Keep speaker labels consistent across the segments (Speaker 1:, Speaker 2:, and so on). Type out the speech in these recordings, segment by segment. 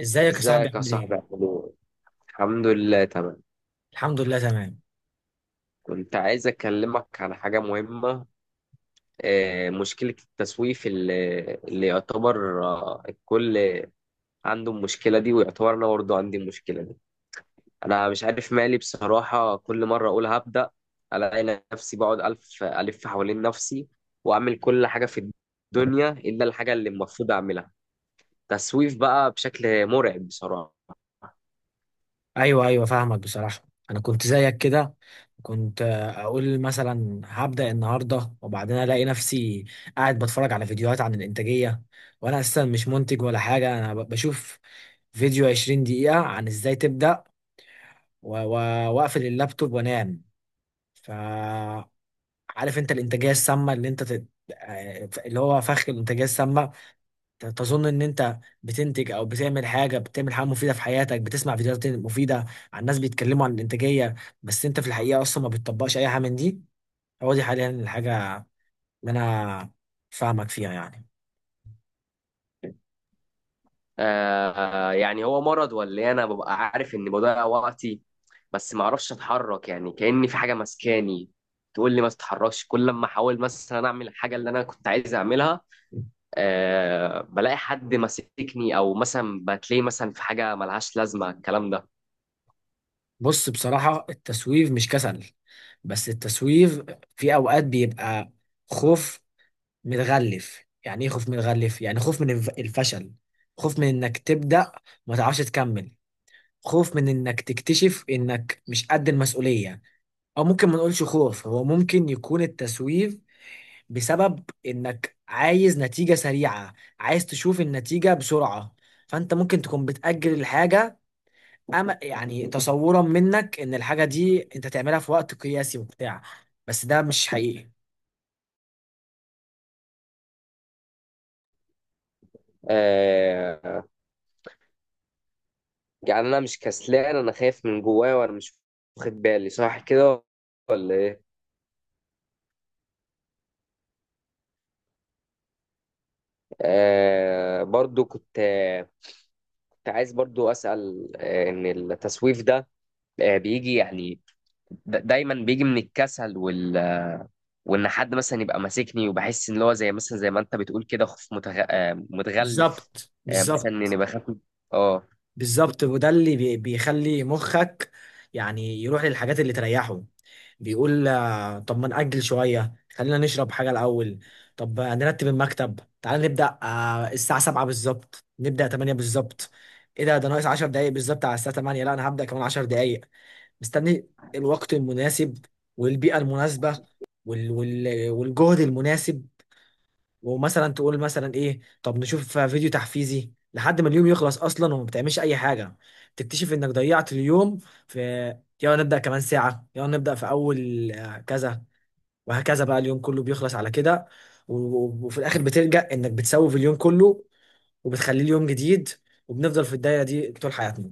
Speaker 1: ازيك يا صاحبي،
Speaker 2: ازيك يا
Speaker 1: عامل
Speaker 2: صاحبي
Speaker 1: ايه؟
Speaker 2: عامل ايه؟ الحمد لله تمام.
Speaker 1: الحمد لله تمام.
Speaker 2: كنت عايز اكلمك على حاجة مهمة. مشكلة التسويف اللي يعتبر، الكل عنده المشكلة دي، ويعتبر انا برضه عندي المشكلة دي. انا مش عارف مالي بصراحة، كل مرة اقول هبدأ الاقي نفسي بقعد الف الف حوالين نفسي، واعمل كل حاجة في الدنيا الا الحاجة اللي المفروض اعملها. تسويف بقى بشكل مرعب بصراحة.
Speaker 1: ايوه ايوه، فاهمك بصراحه. انا كنت زيك كده. كنت اقول مثلا هبدا النهارده، وبعدين الاقي نفسي قاعد بتفرج على فيديوهات عن الانتاجيه، وانا اساسا مش منتج ولا حاجه. انا بشوف فيديو 20 دقيقه عن ازاي تبدا، واقفل اللابتوب وانام. فعارف انت الانتاجيه السامه اللي انت تت... آه، اللي هو فخ الانتاجيه السامه. تظن ان انت بتنتج او بتعمل حاجه مفيده في حياتك، بتسمع فيديوهات مفيده عن ناس بيتكلموا عن الانتاجيه، بس انت في الحقيقه اصلا ما بتطبقش اي حاجه من دي. هو دي حاليا الحاجه اللي انا فاهمك فيها يعني.
Speaker 2: آه، يعني هو مرض ولا إيه؟ انا ببقى عارف اني بضيع وقتي، بس ما اعرفش اتحرك، يعني كأني في حاجه ماسكاني تقول لي ما تتحركش. كل لما احاول مثلا اعمل الحاجه اللي انا كنت عايز اعملها، آه، بلاقي حد ماسكني، او مثلا بتلاقي مثلا في حاجه ملهاش لازمه الكلام ده.
Speaker 1: بص، بصراحه التسويف مش كسل. بس التسويف في اوقات بيبقى خوف متغلف. يعني ايه خوف متغلف؟ يعني خوف من الفشل، خوف من انك تبدا وما تعرفش تكمل، خوف من انك تكتشف انك مش قد المسؤوليه. او ممكن ما نقولش خوف، هو ممكن يكون التسويف بسبب انك عايز نتيجة سريعة، عايز تشوف النتيجة بسرعة. فانت ممكن تكون بتأجل الحاجة، أما يعني تصورا منك ان الحاجة دي انت تعملها في وقت قياسي وبتاع. بس ده مش حقيقي.
Speaker 2: آه، يعني انا مش كسلان، انا خايف من جوايا وانا مش واخد بالي، صح كده ولا ايه؟ آه، برضو كنت عايز برضو اسال، ان التسويف ده، بيجي يعني دايما بيجي من الكسل وان حد مثلا يبقى ماسكني، وبحس ان هو زي مثلا زي ما انت بتقول كده، خوف متغلف.
Speaker 1: بالظبط،
Speaker 2: مثلا اني
Speaker 1: بالظبط،
Speaker 2: اه.
Speaker 1: بالظبط. وده اللي بيخلي مخك يعني يروح للحاجات اللي تريحه. بيقول طب ما نأجل شوية، خلينا نشرب حاجة الأول. طب نرتب المكتب. تعال نبدأ الساعة 7 بالظبط، نبدأ 8 بالظبط. ايه ده ناقص 10 دقايق بالظبط على الساعة 8. لا، انا هبدأ كمان 10 دقايق. مستني الوقت المناسب والبيئة المناسبة والجهد المناسب. ومثلا تقول مثلا ايه، طب نشوف فيديو تحفيزي لحد ما اليوم يخلص اصلا وما بتعملش اي حاجه. تكتشف انك ضيعت اليوم في. يلا نبدا كمان ساعه، يلا نبدا في اول كذا. وهكذا بقى اليوم كله بيخلص على كده. وفي الاخر بتلجأ انك بتسوف اليوم كله، وبتخليه اليوم جديد، وبنفضل في الدايره دي طول حياتنا.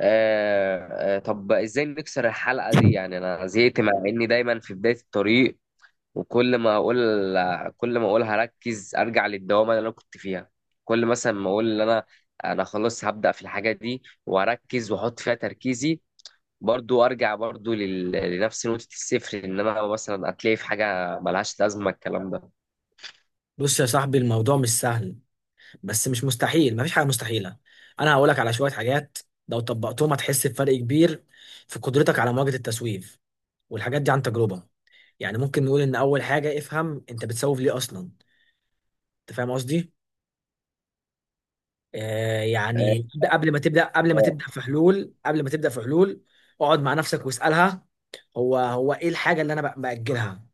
Speaker 2: آه، طب ازاي نكسر الحلقة دي؟ يعني انا زهقت، مع اني دايما في بداية الطريق. وكل ما اقول، كل ما اقول هركز ارجع للدوامة اللي انا كنت فيها. كل مثلا ما اقول ان انا خلاص هبدأ في الحاجة دي واركز واحط فيها تركيزي، برضو ارجع برضو لنفس نقطة الصفر، ان انا مثلا هتلاقي في حاجة ملهاش لازمة الكلام ده.
Speaker 1: بص يا صاحبي، الموضوع مش سهل، بس مش مستحيل، مفيش حاجة مستحيلة. أنا هقولك على شوية حاجات لو طبقتهم هتحس بفرق كبير في قدرتك على مواجهة التسويف، والحاجات دي عن تجربة. يعني ممكن نقول ان اول حاجة، افهم انت بتسوف ليه اصلا. انت فاهم قصدي؟ آه،
Speaker 2: آه.
Speaker 1: يعني قبل ما تبدأ، قبل ما
Speaker 2: آه.
Speaker 1: تبدأ في حلول، قبل ما تبدأ في حلول، اقعد مع نفسك واسألها، هو ايه الحاجة اللي انا بأجلها؟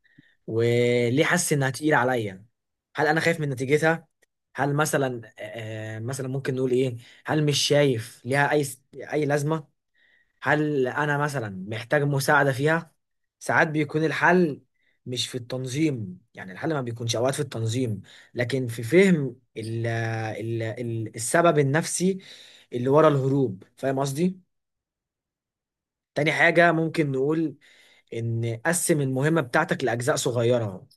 Speaker 1: وليه حاسس انها تقيلة عليا؟ هل انا خايف من نتيجتها؟ هل مثلا، مثلا ممكن نقول ايه، هل مش شايف ليها اي لازمة؟ هل انا مثلا محتاج مساعده فيها؟ ساعات بيكون الحل مش في التنظيم، يعني الحل ما بيكونش اوقات في التنظيم، لكن في فهم ال ال ال السبب النفسي اللي ورا الهروب. فاهم قصدي؟ تاني حاجه ممكن نقول ان قسم المهمه بتاعتك لاجزاء صغيره.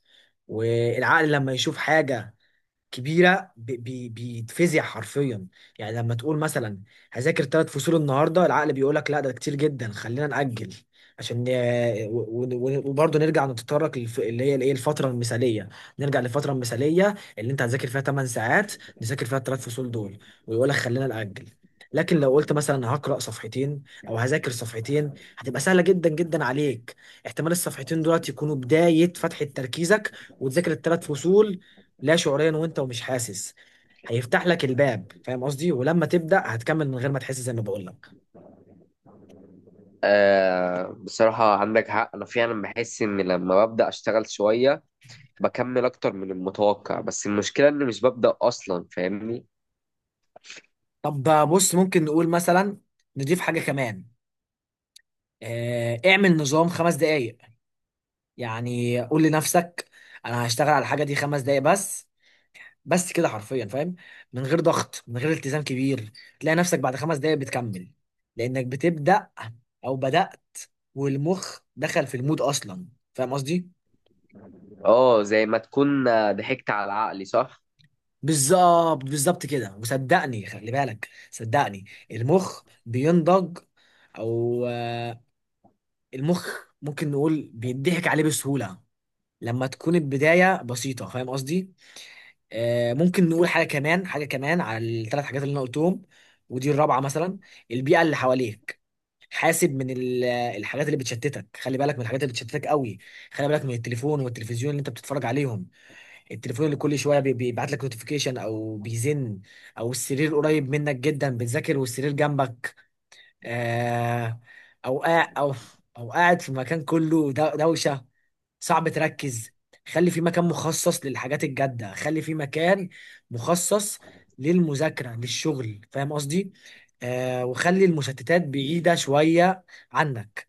Speaker 1: والعقل لما يشوف حاجه كبيره بيتفزع حرفيا. يعني لما تقول مثلا هذاكر ثلاث فصول النهارده، العقل بيقول لك لا ده كتير جدا، خلينا نأجل. عشان وبرضه نرجع نتطرق اللي هي الايه الفتره المثاليه. نرجع للفتره المثاليه اللي انت هتذاكر فيها 8 ساعات، نذاكر فيها الثلاث فصول دول، ويقول لك خلينا نأجل. لكن لو قلت مثلا هقرأ صفحتين او هذاكر صفحتين، هتبقى سهله جدا جدا عليك. احتمال الصفحتين دولت يكونوا بدايه فتحه تركيزك وتذاكر الثلاث فصول لا شعوريا، وانت ومش حاسس هيفتح لك الباب. فاهم قصدي؟ ولما تبدأ هتكمل من غير ما تحس زي ما بقول لك.
Speaker 2: بصراحة عندك حق، انا فعلا بحس ان لما ببدأ اشتغل شوية بكمل اكتر من المتوقع، بس المشكلة اني مش ببدأ اصلا، فاهمني؟
Speaker 1: طب، بص، ممكن نقول مثلا نضيف حاجة كمان. اعمل نظام 5 دقايق. يعني قول لنفسك انا هشتغل على الحاجة دي 5 دقايق بس، بس كده حرفيا، فاهم؟ من غير ضغط، من غير التزام كبير. تلاقي نفسك بعد 5 دقايق بتكمل، لأنك بتبدأ أو بدأت، والمخ دخل في المود أصلا. فاهم قصدي؟
Speaker 2: اه، زي ما تكون ضحكت على عقلي، صح.
Speaker 1: بالظبط، بالظبط كده. وصدقني، خلي بالك، صدقني، المخ بينضج. او المخ ممكن نقول بيضحك عليه بسهولة لما تكون البداية بسيطة. فاهم قصدي؟ ممكن نقول حاجة كمان على الثلاث حاجات اللي انا قلتهم. ودي الرابعة مثلا، البيئة اللي حواليك. حاسب من الحاجات اللي بتشتتك، خلي بالك من الحاجات اللي بتشتتك قوي. خلي بالك من التليفون والتلفزيون اللي انت بتتفرج عليهم، التليفون اللي كل شويه بيبعت لك نوتيفيكيشن او بيزن، او السرير قريب منك جدا، بتذاكر والسرير جنبك. آه، او قاعد، او قاعد في مكان كله دوشه، صعب تركز. خلي في مكان مخصص للحاجات الجاده، خلي في مكان مخصص للمذاكره، للشغل. فاهم قصدي؟ آه، وخلي المشتتات بعيده شويه عنك.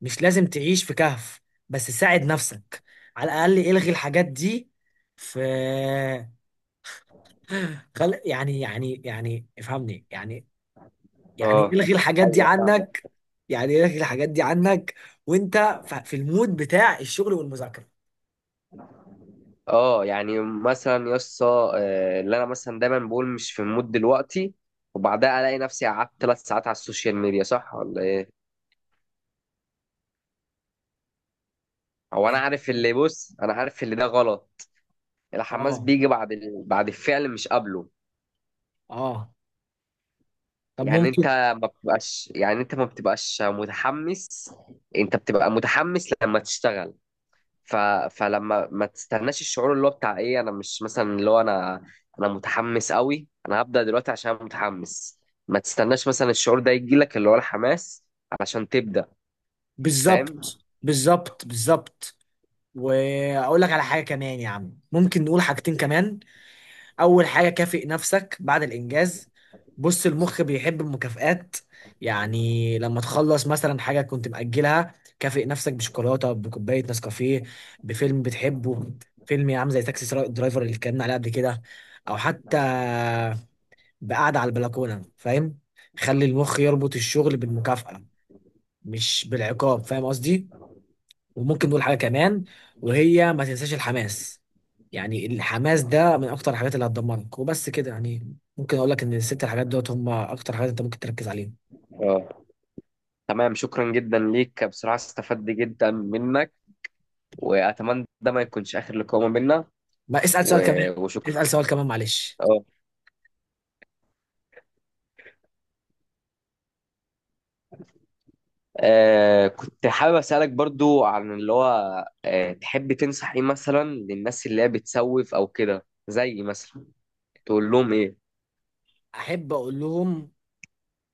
Speaker 1: مش لازم تعيش في كهف، بس ساعد نفسك. على الاقل الغي الحاجات دي في، خل يعني، يعني، يعني افهمني يعني، يعني
Speaker 2: اه،
Speaker 1: الغي الحاجات دي
Speaker 2: ايوه فاهمك.
Speaker 1: عنك. يعني الغي الحاجات دي عنك وانت في المود بتاع الشغل والمذاكره.
Speaker 2: اه، يعني مثلا يسطا، اللي انا مثلا دايما بقول مش في المود دلوقتي، وبعدها الاقي نفسي قعدت 3 ساعات على السوشيال ميديا، صح ولا؟ هو انا عارف اللي، بص انا عارف اللي ده غلط. الحماس
Speaker 1: اه،
Speaker 2: بيجي بعد بعد الفعل مش قبله.
Speaker 1: اه، طب
Speaker 2: يعني انت
Speaker 1: ممكن.
Speaker 2: ما بتبقاش، يعني انت ما بتبقاش متحمس، انت بتبقى متحمس لما تشتغل. ف... فلما ما تستناش الشعور اللي هو بتاع ايه، انا مش مثلا اللي هو انا متحمس قوي انا هبدأ دلوقتي عشان أنا متحمس، ما تستناش مثلا الشعور ده يجي لك، اللي هو الحماس، علشان تبدأ. فاهم.
Speaker 1: بالظبط، بالظبط، بالظبط. واقول لك على حاجه كمان يا عم، ممكن نقول حاجتين كمان. اول حاجه، كافئ نفسك بعد الانجاز. بص، المخ بيحب المكافآت. يعني لما تخلص مثلا حاجه كنت مأجلها، كافئ نفسك بشوكولاته، بكوبايه نسكافيه، بفيلم بتحبه. فيلم يا عم زي تاكسي درايفر اللي اتكلمنا عليه قبل كده، او حتى بقعده على البلكونه، فاهم؟ خلي المخ يربط الشغل بالمكافأة، مش بالعقاب. فاهم قصدي؟ وممكن نقول حاجة كمان وهي ما تنساش الحماس. يعني الحماس ده من أكتر الحاجات اللي هتدمرك. وبست كده، يعني ممكن أقول لك إن الست حاجات دوت هم أكتر حاجات أنت ممكن تركز عليهم.
Speaker 2: اه، تمام، شكرا جدا ليك بصراحة، استفدت جدا منك، واتمنى ده ما يكونش اخر لقاء ما بيننا.
Speaker 1: ما اسأل سؤال كمان،
Speaker 2: وشكرا.
Speaker 1: اسأل سؤال كمان، معلش.
Speaker 2: اه. كنت حابب اسالك برضو عن اللي هو، تحب تنصح ايه مثلا للناس اللي هي بتسوف او كده، زي مثلا تقول لهم ايه؟
Speaker 1: أحب أقول لهم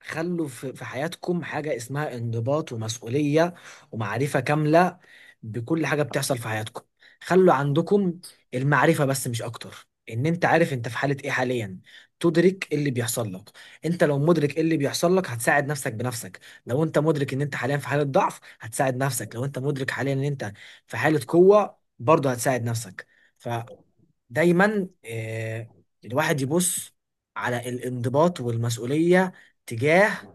Speaker 1: خلوا في حياتكم حاجة اسمها انضباط ومسؤولية، ومعرفة كاملة بكل حاجة بتحصل في حياتكم. خلوا عندكم المعرفة بس، مش أكتر، إن أنت عارف أنت في حالة إيه حاليا، تدرك إيه اللي بيحصل لك. أنت لو مدرك إيه اللي بيحصل لك، هتساعد نفسك بنفسك. لو أنت مدرك إن أنت حاليا في حالة ضعف، هتساعد نفسك، لو أنت مدرك حاليا إن أنت في حالة قوة برضه هتساعد نفسك. فدايما الواحد يبص على الانضباط والمسؤولية تجاه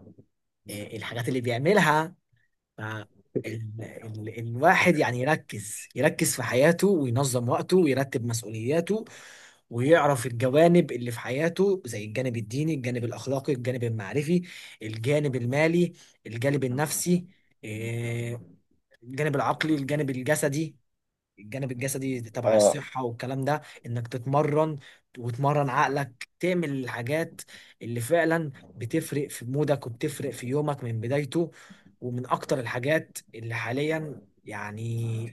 Speaker 1: إيه الحاجات اللي بيعملها. ف الواحد يعني يركز في حياته وينظم وقته ويرتب مسؤولياته، ويعرف الجوانب اللي في حياته زي الجانب الديني، الجانب الأخلاقي، الجانب المعرفي، الجانب المالي، الجانب النفسي، إيه، الجانب العقلي، الجانب الجسدي. الجانب الجسدي تبع
Speaker 2: اه.
Speaker 1: الصحة والكلام ده انك تتمرن وتمرن عقلك، تعمل الحاجات اللي فعلا بتفرق في مودك وبتفرق في يومك من بدايته. ومن اكتر الحاجات اللي حاليا يعني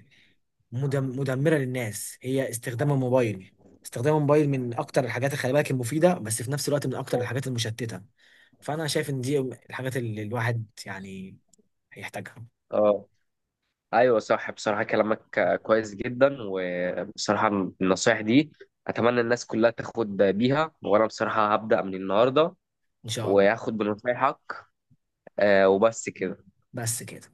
Speaker 1: مدمرة للناس هي استخدام الموبايل. استخدام الموبايل من اكتر الحاجات اللي خلي بالك المفيدة، بس في نفس الوقت من اكتر الحاجات المشتتة. فانا شايف ان دي الحاجات اللي الواحد يعني هيحتاجها.
Speaker 2: اه. ايوه صح، بصراحه كلامك كويس جدا. وبصراحه النصايح دي اتمنى الناس كلها تاخد بيها، وانا بصراحه هبدا من النهارده
Speaker 1: ان شاء الله.
Speaker 2: وهاخد بنصايحك. وبس كده.
Speaker 1: بس كده.